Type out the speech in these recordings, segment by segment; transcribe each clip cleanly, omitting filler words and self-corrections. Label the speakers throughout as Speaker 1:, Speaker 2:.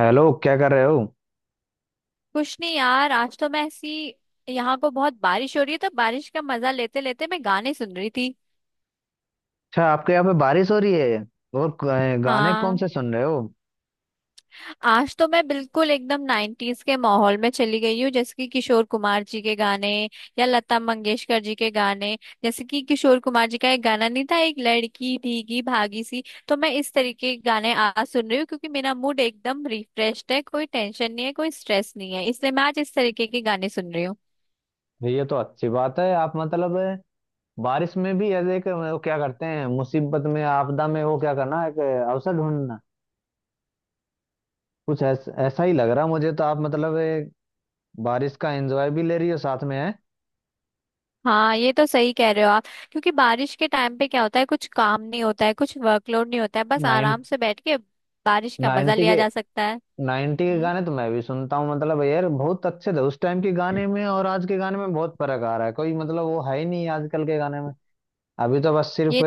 Speaker 1: Hello, क्या कर रहे हो।
Speaker 2: कुछ नहीं यार, आज तो मैं ऐसी यहाँ को बहुत बारिश हो रही है, तो बारिश का मजा लेते लेते मैं गाने सुन रही थी।
Speaker 1: अच्छा, आपके यहाँ पे बारिश हो रही है। और गाने कौन
Speaker 2: हाँ,
Speaker 1: से सुन रहे हो।
Speaker 2: आज तो मैं बिल्कुल एकदम नाइन्टीज के माहौल में चली गई हूँ, जैसे कि किशोर कुमार जी के गाने या लता मंगेशकर जी के गाने। जैसे कि किशोर कुमार जी का एक गाना नहीं था, एक लड़की भीगी भागी सी। तो मैं इस तरीके के गाने आज सुन रही हूँ, क्योंकि मेरा मूड एकदम रिफ्रेश्ड है, कोई टेंशन नहीं है, कोई स्ट्रेस नहीं है, इसलिए मैं आज इस तरीके के गाने सुन रही हूँ।
Speaker 1: ये तो अच्छी बात है। आप मतलब बारिश में भी ऐसे एक वो क्या करते हैं, मुसीबत में, आपदा में, वो क्या करना, एक अवसर ढूंढना। ऐसा ही लग रहा मुझे तो। आप मतलब एक बारिश का एंजॉय भी ले रही हो साथ में है।
Speaker 2: हाँ, ये तो सही कह रहे हो आप। क्योंकि बारिश के टाइम पे क्या होता है, कुछ काम नहीं होता है, कुछ वर्कलोड नहीं होता है, बस
Speaker 1: नाइन,
Speaker 2: आराम से बैठ के बारिश का मजा
Speaker 1: नाइन्टी
Speaker 2: लिया
Speaker 1: के,
Speaker 2: जा सकता है।
Speaker 1: नाइन्टी के
Speaker 2: हम्म।
Speaker 1: गाने तो मैं भी सुनता हूँ। मतलब यार बहुत अच्छे थे उस टाइम के गाने। में और आज के गाने में बहुत फर्क आ रहा है, कोई मतलब वो है ही नहीं आजकल के गाने में। अभी तो बस सिर्फ
Speaker 2: ये।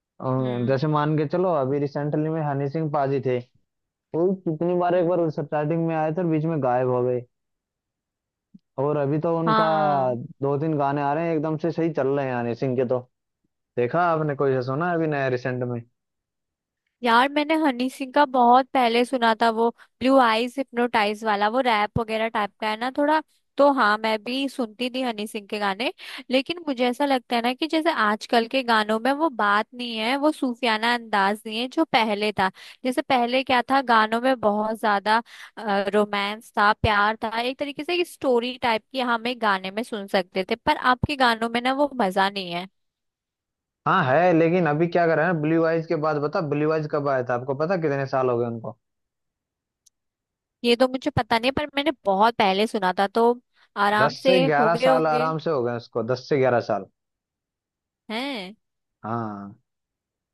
Speaker 1: अ,
Speaker 2: हम्म।
Speaker 1: जैसे मान के चलो, अभी रिसेंटली में हनी सिंह पाजी थे। वो कितनी बार, एक
Speaker 2: हम्म।
Speaker 1: बार स्टार्टिंग में आए थे और बीच में गायब हो गए। और अभी तो उनका
Speaker 2: हाँ।
Speaker 1: दो तीन गाने आ रहे हैं, एकदम से सही चल रहे हैं हनी सिंह के। तो देखा आपने, कोई से सुना है अभी नया रिसेंट में।
Speaker 2: यार, मैंने हनी सिंह का बहुत पहले सुना था, वो ब्लू आईज हिप्नोटाइज वाला, वो रैप वगैरह टाइप का है ना थोड़ा। तो हाँ, मैं भी सुनती थी हनी सिंह के गाने। लेकिन मुझे ऐसा लगता है ना कि जैसे आजकल के गानों में वो बात नहीं है, वो सूफियाना अंदाज नहीं है जो पहले था। जैसे पहले क्या था, गानों में बहुत ज्यादा रोमांस था, प्यार था, एक तरीके से एक स्टोरी टाइप की हम एक गाने में सुन सकते थे, पर आपके गानों में ना वो मजा नहीं है।
Speaker 1: हाँ है, लेकिन अभी क्या कर रहे हैं ब्लू आइज के बाद, बता। ब्लू आइज कब आया था आपको पता, कितने साल हो गए उनको।
Speaker 2: ये तो मुझे पता नहीं, पर मैंने बहुत पहले सुना था, तो
Speaker 1: दस
Speaker 2: आराम से
Speaker 1: से
Speaker 2: हो
Speaker 1: ग्यारह
Speaker 2: गए
Speaker 1: साल
Speaker 2: होंगे।
Speaker 1: आराम से हो गए उसको, दस से ग्यारह साल।
Speaker 2: हैं।
Speaker 1: हाँ।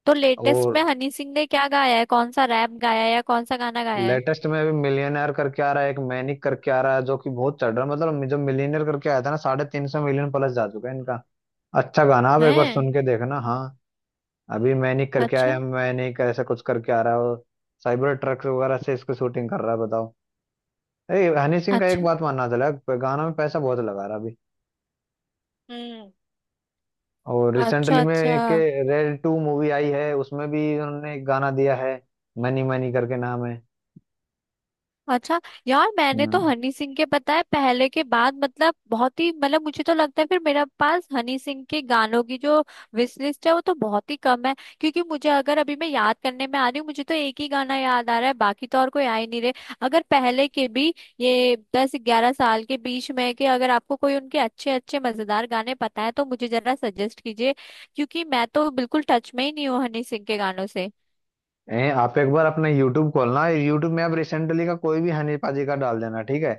Speaker 2: तो लेटेस्ट
Speaker 1: और
Speaker 2: में हनी सिंह ने क्या गाया है, कौन सा रैप गाया है या कौन सा गाना गाया है?
Speaker 1: लेटेस्ट में अभी मिलियनेयर करके आ रहा है, एक मैनिक करके आ रहा है, जो कि बहुत चढ़ रहा है। मतलब जब मिलियनेयर करके आया था ना, साढ़े तीन सौ मिलियन प्लस जा चुका है इनका। अच्छा गाना, आप एक बार
Speaker 2: हैं।
Speaker 1: सुन के देखना। हाँ, अभी मैनिक करके
Speaker 2: अच्छा।
Speaker 1: आया, मैनिक ऐसा कुछ करके आ रहा है। और साइबर ट्रक वगैरह से इसकी शूटिंग कर रहा है, बताओ। ए हनी सिंह का एक
Speaker 2: अच्छा।
Speaker 1: बात मानना चला, गाना में पैसा बहुत लगा रहा है अभी।
Speaker 2: हम्म।
Speaker 1: और रिसेंटली
Speaker 2: अच्छा
Speaker 1: में
Speaker 2: अच्छा।
Speaker 1: एक रेड टू मूवी आई है, उसमें भी उन्होंने एक गाना दिया है, मनी मनी करके नाम
Speaker 2: अच्छा। यार,
Speaker 1: है।
Speaker 2: मैंने तो हनी सिंह के पता है पहले के बाद मतलब बहुत ही मतलब मुझे तो लगता है, फिर मेरे पास हनी सिंह के गानों की जो विश लिस्ट है वो तो बहुत ही कम है। क्योंकि मुझे अगर अभी मैं याद करने में आ रही हूँ, मुझे तो एक ही गाना याद आ रहा है, बाकी तो और कोई आ ही नहीं रहे। अगर पहले के भी ये 10-11 साल के बीच में के अगर आपको कोई उनके अच्छे अच्छे मजेदार गाने पता है तो मुझे जरा सजेस्ट कीजिए, क्योंकि मैं तो बिल्कुल टच में ही नहीं हूँ हनी सिंह के गानों
Speaker 1: आप एक बार अपना यूट्यूब खोलना। यूट्यूब में आप रिसेंटली का कोई भी हनी पाजी का डाल देना, ठीक है।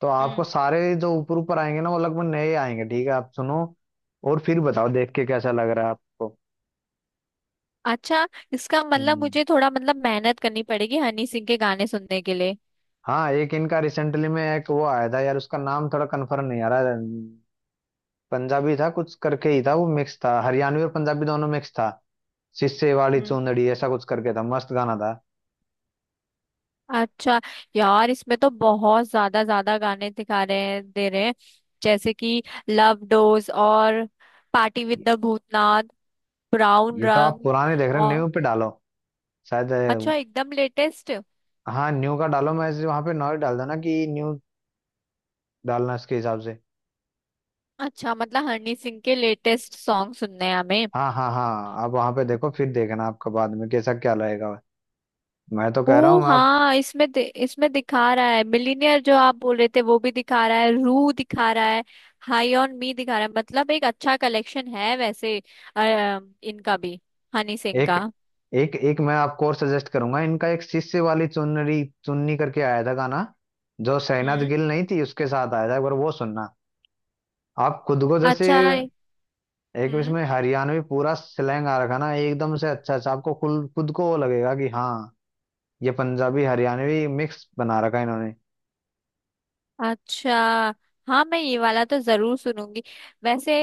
Speaker 1: तो
Speaker 2: से।
Speaker 1: आपको सारे जो ऊपर ऊपर आएंगे ना वो लगभग नए आएंगे, ठीक है। आप सुनो और फिर बताओ देख के कैसा लग रहा है आपको।
Speaker 2: अच्छा, इसका मतलब
Speaker 1: हम्म।
Speaker 2: मुझे थोड़ा मतलब मेहनत करनी पड़ेगी हनी सिंह के गाने सुनने के लिए।
Speaker 1: हाँ, एक इनका रिसेंटली में एक वो आया था यार, उसका नाम थोड़ा कंफर्म नहीं आ रहा। पंजाबी था, कुछ करके ही था, वो मिक्स था, हरियाणवी और पंजाबी दोनों मिक्स था। सिस्से वाली
Speaker 2: हम्म।
Speaker 1: चुंदड़ी ऐसा कुछ करके था, मस्त गाना था।
Speaker 2: अच्छा, यार इसमें तो बहुत ज्यादा ज्यादा गाने दिखा रहे हैं, दे रहे हैं, जैसे कि लव डोज और पार्टी विद
Speaker 1: ये
Speaker 2: द भूतनाथ, ब्राउन
Speaker 1: ये तो आप
Speaker 2: रंग
Speaker 1: पुराने देख रहे हो,
Speaker 2: और
Speaker 1: न्यू पे डालो। शायद
Speaker 2: अच्छा एकदम लेटेस्ट।
Speaker 1: हाँ न्यू का डालो, मैं वहां पे नॉइज डाल देना कि न्यू डालना इसके हिसाब से।
Speaker 2: अच्छा, मतलब हनी सिंह के लेटेस्ट सॉन्ग सुनने हैं हमें।
Speaker 1: हाँ हाँ हाँ, आप वहां पे देखो, फिर देखना आपका बाद में कैसा क्या रहेगा। मैं तो कह रहा
Speaker 2: ओ
Speaker 1: हूँ आप
Speaker 2: हाँ, इसमें इसमें दिखा रहा है मिलीनियर, जो आप बोल रहे थे वो भी दिखा रहा है, रू दिखा रहा है, हाई ऑन मी दिखा रहा है। मतलब एक अच्छा कलेक्शन है वैसे अ, इनका भी, हनी सिंह
Speaker 1: एक
Speaker 2: का।
Speaker 1: एक, एक मैं आपको और सजेस्ट करूंगा इनका एक शिष्य वाली चुनरी चुन्नी करके आया था गाना, जो शहनाज
Speaker 2: हम्म।
Speaker 1: गिल नहीं थी उसके साथ आया था एक बार, वो सुनना। आप खुद को जैसे
Speaker 2: अच्छा है।
Speaker 1: एक
Speaker 2: हम्म।
Speaker 1: इसमें हरियाणवी पूरा स्लैंग आ रखा ना एकदम से अच्छा अच्छा, आपको खुद खुद को वो लगेगा कि हाँ ये पंजाबी हरियाणवी मिक्स बना रखा है इन्होंने।
Speaker 2: अच्छा। हाँ मैं ये वाला तो जरूर सुनूंगी वैसे।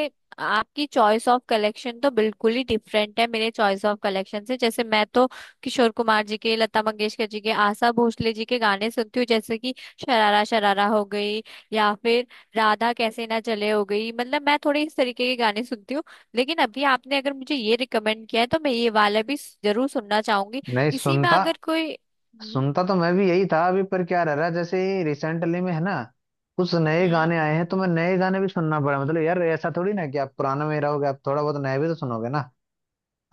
Speaker 2: आपकी चॉइस ऑफ कलेक्शन तो बिल्कुल ही डिफरेंट है मेरे चॉइस ऑफ कलेक्शन से। जैसे मैं तो किशोर कुमार जी के, लता मंगेशकर जी के, आशा भोसले जी के गाने सुनती हूँ, जैसे कि शरारा शरारा हो गई, या फिर राधा कैसे ना चले हो गई, मतलब मैं थोड़े इस तरीके के गाने सुनती हूँ। लेकिन अभी आपने अगर मुझे ये रिकमेंड किया है तो मैं ये वाला भी जरूर सुनना चाहूंगी।
Speaker 1: नहीं
Speaker 2: इसी में
Speaker 1: सुनता,
Speaker 2: अगर कोई हम्म।
Speaker 1: सुनता तो मैं भी यही था अभी। पर क्या रह रहा है, जैसे रिसेंटली में है ना, कुछ नए
Speaker 2: हम्म।
Speaker 1: गाने आए हैं तो मैं नए गाने भी सुनना पड़ा। मतलब यार, ऐसा थोड़ी ना कि आप पुराना में ही रहोगे, आप थोड़ा बहुत नया भी तो सुनोगे ना।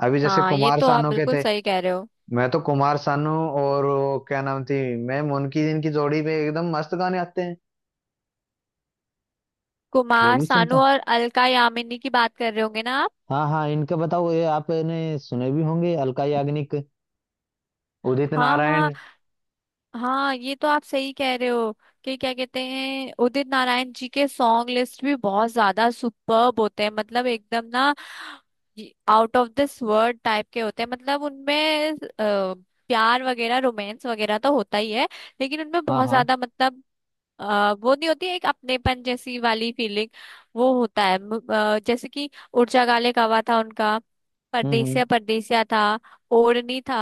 Speaker 1: अभी जैसे
Speaker 2: हाँ, ये
Speaker 1: कुमार
Speaker 2: तो आप
Speaker 1: सानू के
Speaker 2: बिल्कुल
Speaker 1: थे।
Speaker 2: सही कह रहे हो।
Speaker 1: मैं तो कुमार सानू और वो क्या नाम थी मैम उनकी, जिनकी जोड़ी पे एकदम मस्त गाने आते हैं, वो
Speaker 2: कुमार
Speaker 1: भी
Speaker 2: सानू
Speaker 1: सुनता।
Speaker 2: और अलका यामिनी की बात कर रहे होंगे ना आप?
Speaker 1: हाँ हाँ, इनका बताओ, ये आपने सुने भी होंगे, अलका याग्निक, उदित
Speaker 2: हाँ
Speaker 1: नारायण।
Speaker 2: हाँ। हाँ, ये तो आप सही कह रहे हो कि क्या कहते हैं, उदित नारायण जी के सॉन्ग लिस्ट भी बहुत ज्यादा सुपर्ब होते हैं, मतलब एकदम ना out of this world type के होते हैं। मतलब उनमें प्यार वगैरह, रोमांस वगैरह तो होता ही है, लेकिन उनमें
Speaker 1: हाँ
Speaker 2: बहुत
Speaker 1: हाँ।
Speaker 2: ज्यादा मतलब वो नहीं होती एक अपनेपन जैसी वाली फीलिंग। वो होता है जैसे कि उड़जा गाले कावा था उनका,
Speaker 1: हम्म।
Speaker 2: परदेसिया परदेसिया था, ओढ़नी था,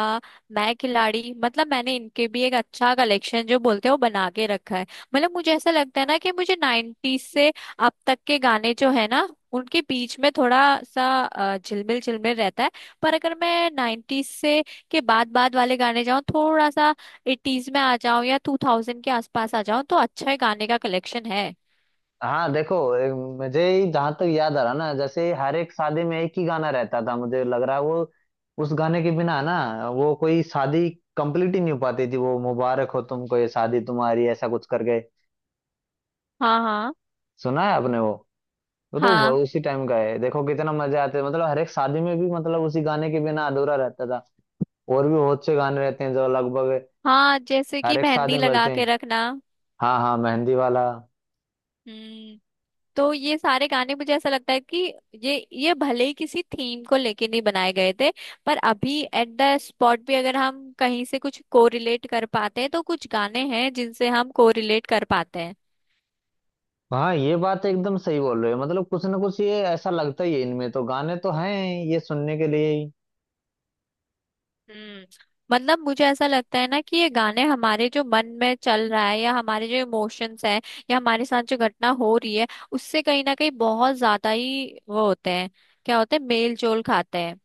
Speaker 2: मैं खिलाड़ी। मतलब मैंने इनके भी एक अच्छा कलेक्शन, जो बोलते हैं, वो बना के रखा है। मतलब मुझे ऐसा लगता है ना कि मुझे नाइन्टीज से अब तक के गाने जो है ना, उनके बीच में थोड़ा सा झिलमिल झिलमिल रहता है। पर अगर मैं नाइन्टीज से के बाद बाद वाले गाने जाऊं, थोड़ा सा एटीज में आ जाओ या टू थाउजेंड के आसपास आ जाओ, तो अच्छा है, गाने का कलेक्शन है।
Speaker 1: हाँ देखो मुझे ही जहाँ तक याद आ रहा ना, जैसे हर एक शादी में एक ही गाना रहता था मुझे लग रहा है, वो उस गाने के बिना ना वो कोई शादी कंप्लीट ही नहीं हो पाती थी। वो मुबारक हो तुमको ये शादी तुम्हारी ऐसा कुछ करके,
Speaker 2: हाँ हाँ।
Speaker 1: सुना है आपने वो।
Speaker 2: हाँ
Speaker 1: उसी टाइम का है, देखो कितना मजे आते हैं। मतलब हर एक शादी में भी, मतलब उसी गाने के बिना अधूरा रहता था। और भी बहुत से गाने रहते हैं जो लगभग
Speaker 2: हाँ, जैसे
Speaker 1: हर
Speaker 2: कि
Speaker 1: एक शादी
Speaker 2: मेहंदी
Speaker 1: में
Speaker 2: लगा
Speaker 1: बजते हैं।
Speaker 2: के रखना।
Speaker 1: हाँ हाँ, मेहंदी वाला।
Speaker 2: हम्म। तो ये सारे गाने मुझे ऐसा लगता है कि ये भले ही किसी थीम को लेके नहीं बनाए गए थे, पर अभी एट द स्पॉट भी अगर हम कहीं से कुछ कोरिलेट कर पाते हैं, तो कुछ गाने हैं जिनसे हम कोरिलेट कर पाते हैं।
Speaker 1: हाँ, ये बात एकदम सही बोल रहे हो। मतलब कुछ ना कुछ ये ऐसा लगता ही है इनमें, तो गाने तो हैं ये सुनने के लिए ही।
Speaker 2: हम्म। मतलब मुझे ऐसा लगता है ना कि ये गाने हमारे जो मन में चल रहा है, या हमारे जो इमोशंस हैं, या हमारे साथ जो घटना हो रही है, उससे कहीं ना कहीं बहुत ज्यादा ही वो होते हैं। क्या होते हैं, मेल जोल खाते हैं।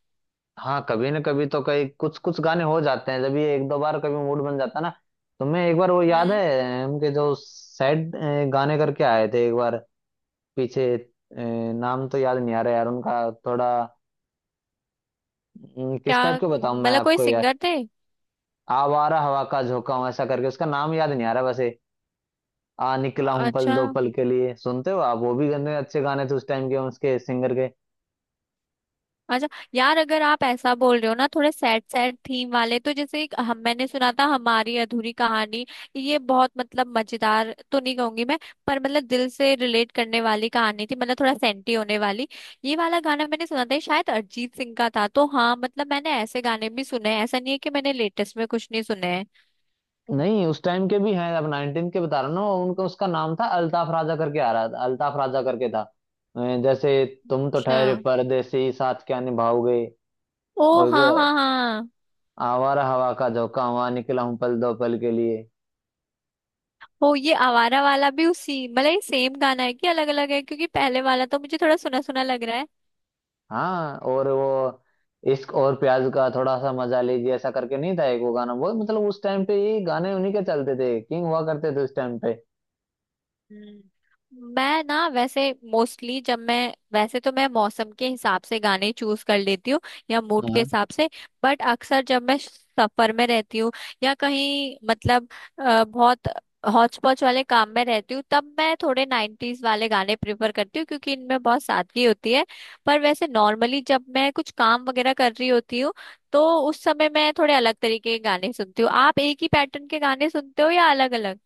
Speaker 1: हाँ कभी ना कभी तो कई, कुछ कुछ गाने हो जाते हैं जब, ये एक दो बार कभी मूड बन जाता है ना। तो मैं एक बार, वो याद
Speaker 2: हम्म।
Speaker 1: है हम के जो सैड गाने करके आए थे एक बार पीछे, नाम तो याद नहीं आ रहा यार उनका, थोड़ा, किस
Speaker 2: क्या
Speaker 1: टाइप के बताऊं मैं
Speaker 2: मतलब, कोई
Speaker 1: आपको यार।
Speaker 2: सिंगर थे?
Speaker 1: आवारा हवा का झोंका हूं ऐसा करके, उसका नाम याद नहीं आ रहा वैसे। आ निकला हूं पल
Speaker 2: अच्छा।
Speaker 1: दो पल के लिए, सुनते हो आप, वो भी गंदे अच्छे गाने थे उस टाइम के उसके सिंगर के।
Speaker 2: अच्छा, यार अगर आप ऐसा बोल रहे हो ना थोड़े सैड सैड थीम वाले, तो जैसे एक हम मैंने सुना था, हमारी अधूरी कहानी। ये बहुत मतलब मजेदार तो नहीं कहूंगी मैं, पर मतलब दिल से रिलेट करने वाली कहानी थी, मतलब थोड़ा सेंटी होने वाली। ये वाला गाना मैंने सुना था, ये शायद अरिजीत सिंह का था। तो हाँ, मतलब मैंने ऐसे गाने भी सुने हैं, ऐसा नहीं है कि मैंने लेटेस्ट में कुछ नहीं सुने हैं।
Speaker 1: नहीं उस टाइम के भी हैं, अब 19 के बता रहा हूँ ना उनका। उसका नाम था अल्ताफ राजा करके आ रहा था, अल्ताफ राजा करके था। जैसे तुम तो
Speaker 2: अच्छा।
Speaker 1: ठहरे परदेसी, साथ क्या निभाओगे।
Speaker 2: ओ
Speaker 1: और
Speaker 2: हाँ
Speaker 1: वो
Speaker 2: हाँ हाँ।
Speaker 1: आवारा हवा का झोंका हुआ, निकला हूँ पल दो पल के लिए।
Speaker 2: ओ ये आवारा वाला भी उसी मतलब ये सेम गाना है कि अलग अलग है, क्योंकि पहले वाला तो मुझे थोड़ा सुना सुना लग रहा है।
Speaker 1: हाँ। और वो इश्क और प्याज का थोड़ा सा मजा लीजिए, ऐसा करके नहीं था एक वो गाना। वो मतलब उस टाइम पे ये गाने उन्हीं के चलते थे, किंग हुआ करते थे उस टाइम पे।
Speaker 2: हम्म। मैं ना वैसे मोस्टली जब मैं वैसे तो मैं मौसम के हिसाब से गाने चूज कर लेती हूँ, या मूड के
Speaker 1: हाँ।
Speaker 2: हिसाब से। बट अक्सर जब मैं सफर में रहती हूँ, या कहीं मतलब बहुत हौच पौच वाले काम में रहती हूँ, तब मैं थोड़े नाइन्टीज वाले गाने प्रेफर करती हूँ, क्योंकि इनमें बहुत सादगी होती है। पर वैसे नॉर्मली जब मैं कुछ काम वगैरह कर रही होती हूँ, तो उस समय मैं थोड़े अलग तरीके के गाने सुनती हूँ। आप एक ही पैटर्न के गाने सुनते हो या अलग अलग?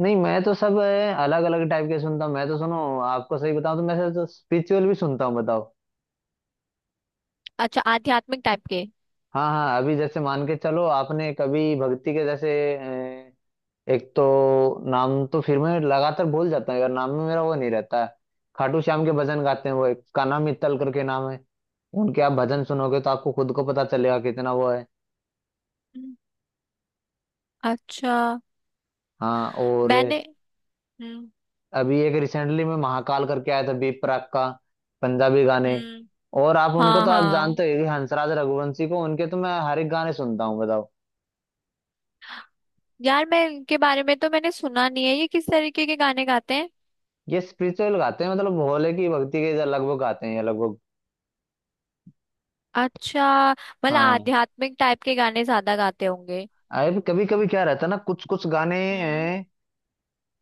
Speaker 1: नहीं मैं तो सब अलग अलग टाइप के सुनता हूँ। मैं तो सुनो, आपको सही बताऊं तो मैं तो स्पिरिचुअल भी सुनता हूँ, बताओ।
Speaker 2: अच्छा, आध्यात्मिक टाइप के?
Speaker 1: हाँ हाँ, अभी जैसे मान के चलो, आपने कभी भक्ति के जैसे अ, एक तो नाम तो फिर मैं लगातार भूल जाता हूँ यार, नाम में मेरा वो नहीं रहता है। खाटू श्याम के भजन गाते हैं वो एक, कान्हा मित्तल करके नाम है। उनके आप भजन सुनोगे तो आपको खुद को पता चलेगा कितना वो है।
Speaker 2: अच्छा।
Speaker 1: हाँ। और
Speaker 2: मैंने हम्म।
Speaker 1: अभी एक रिसेंटली में महाकाल करके आया था, बी प्राक का पंजाबी गाने।
Speaker 2: हम्म।
Speaker 1: और आप उनको
Speaker 2: हाँ
Speaker 1: तो आप
Speaker 2: हाँ,
Speaker 1: जानते हो कि हंसराज रघुवंशी को, उनके तो मैं हर एक गाने सुनता हूँ, बताओ।
Speaker 2: यार मैं इनके बारे में तो मैंने सुना नहीं है, ये किस तरीके के गाने गाते हैं?
Speaker 1: ये स्पिरिचुअल गाते हैं, मतलब भोले की भक्ति के लगभग गाते हैं ये लगभग।
Speaker 2: अच्छा, मतलब
Speaker 1: हाँ।
Speaker 2: आध्यात्मिक टाइप के गाने ज्यादा गाते होंगे।
Speaker 1: अरे कभी कभी क्या रहता है ना, कुछ कुछ गाने
Speaker 2: हम्म।
Speaker 1: हैं,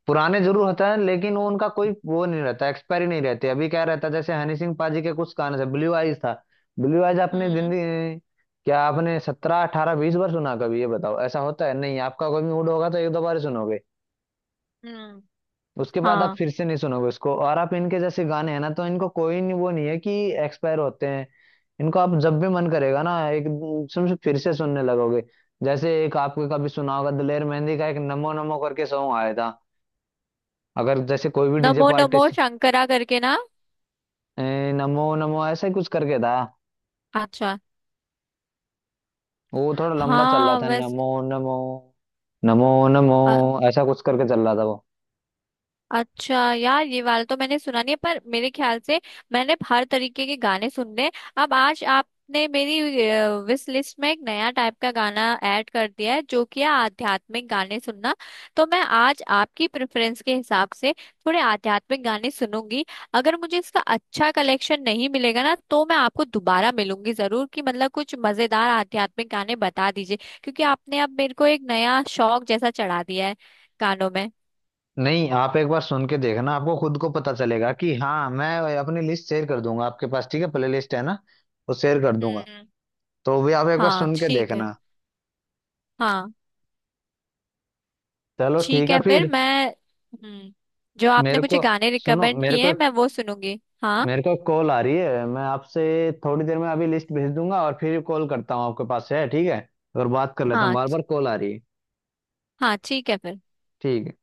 Speaker 1: पुराने जरूर होता है लेकिन वो उनका कोई वो नहीं रहता, एक्सपायरी नहीं रहती। अभी क्या रहता है, जैसे हनी सिंह पाजी के कुछ गाने थे, ब्लू आइज था। ब्लू आइज आपने
Speaker 2: हम्म।
Speaker 1: जिंदगी अ, क्या आपने सत्रह अठारह बीस बार सुना कभी, ये बताओ ऐसा होता है। नहीं, आपका कोई मूड होगा तो एक दो बार ही सुनोगे,
Speaker 2: हम्म।
Speaker 1: उसके बाद आप
Speaker 2: हाँ,
Speaker 1: फिर से नहीं सुनोगे उसको। और आप इनके जैसे गाने हैं ना, तो इनको कोई नहीं, वो नहीं है कि एक्सपायर होते हैं। इनको आप जब भी मन करेगा ना एकदम से फिर से सुनने लगोगे। जैसे एक आपको कभी सुना होगा, दिलेर मेहंदी का एक नमो नमो करके सॉन्ग आया था। अगर जैसे कोई भी डीजे
Speaker 2: नमो नमो
Speaker 1: आर्टिस्ट
Speaker 2: शंकरा करके ना?
Speaker 1: नमो नमो ऐसा ही कुछ करके था।
Speaker 2: अच्छा।
Speaker 1: वो थोड़ा लंबा चल रहा
Speaker 2: हाँ
Speaker 1: था,
Speaker 2: वैसे।
Speaker 1: नमो नमो नमो नमो ऐसा कुछ करके चल रहा था वो।
Speaker 2: अच्छा यार, ये वाला तो मैंने सुना नहीं है, पर मेरे ख्याल से मैंने हर तरीके के गाने सुनने हैं। अब आज आपने मेरी विश लिस्ट में एक नया टाइप का गाना ऐड कर दिया है, जो कि है आध्यात्मिक गाने सुनना। तो मैं आज आपकी प्रेफरेंस के हिसाब से थोड़े आध्यात्मिक गाने सुनूंगी। अगर मुझे इसका अच्छा कलेक्शन नहीं मिलेगा ना, तो मैं आपको दोबारा मिलूंगी जरूर कि मतलब कुछ मजेदार आध्यात्मिक गाने बता दीजिए, क्योंकि आपने अब मेरे को एक नया शौक जैसा चढ़ा दिया है गानों में।
Speaker 1: नहीं आप एक बार सुन के देखना, आपको खुद को पता चलेगा कि हाँ। मैं अपनी लिस्ट शेयर कर दूंगा आपके पास, ठीक है, प्ले लिस्ट है ना, वो शेयर कर दूंगा,
Speaker 2: हम्म।
Speaker 1: तो भी आप एक बार
Speaker 2: हाँ
Speaker 1: सुन के
Speaker 2: ठीक है।
Speaker 1: देखना।
Speaker 2: हाँ।
Speaker 1: चलो ठीक
Speaker 2: ठीक
Speaker 1: है
Speaker 2: है फिर,
Speaker 1: फिर।
Speaker 2: मैं जो आपने
Speaker 1: मेरे
Speaker 2: मुझे
Speaker 1: को,
Speaker 2: गाने
Speaker 1: सुनो
Speaker 2: रिकमेंड
Speaker 1: मेरे
Speaker 2: किए
Speaker 1: को
Speaker 2: हैं
Speaker 1: एक,
Speaker 2: मैं वो सुनूंगी। हाँ।
Speaker 1: मेरे को कॉल आ रही है, मैं आपसे थोड़ी देर में अभी लिस्ट भेज दूंगा और फिर कॉल करता हूँ आपके पास है ठीक है। और बात कर लेता हूँ,
Speaker 2: हाँ
Speaker 1: बार बार कॉल आ रही है।
Speaker 2: हाँ ठीक है फिर।
Speaker 1: ठीक है।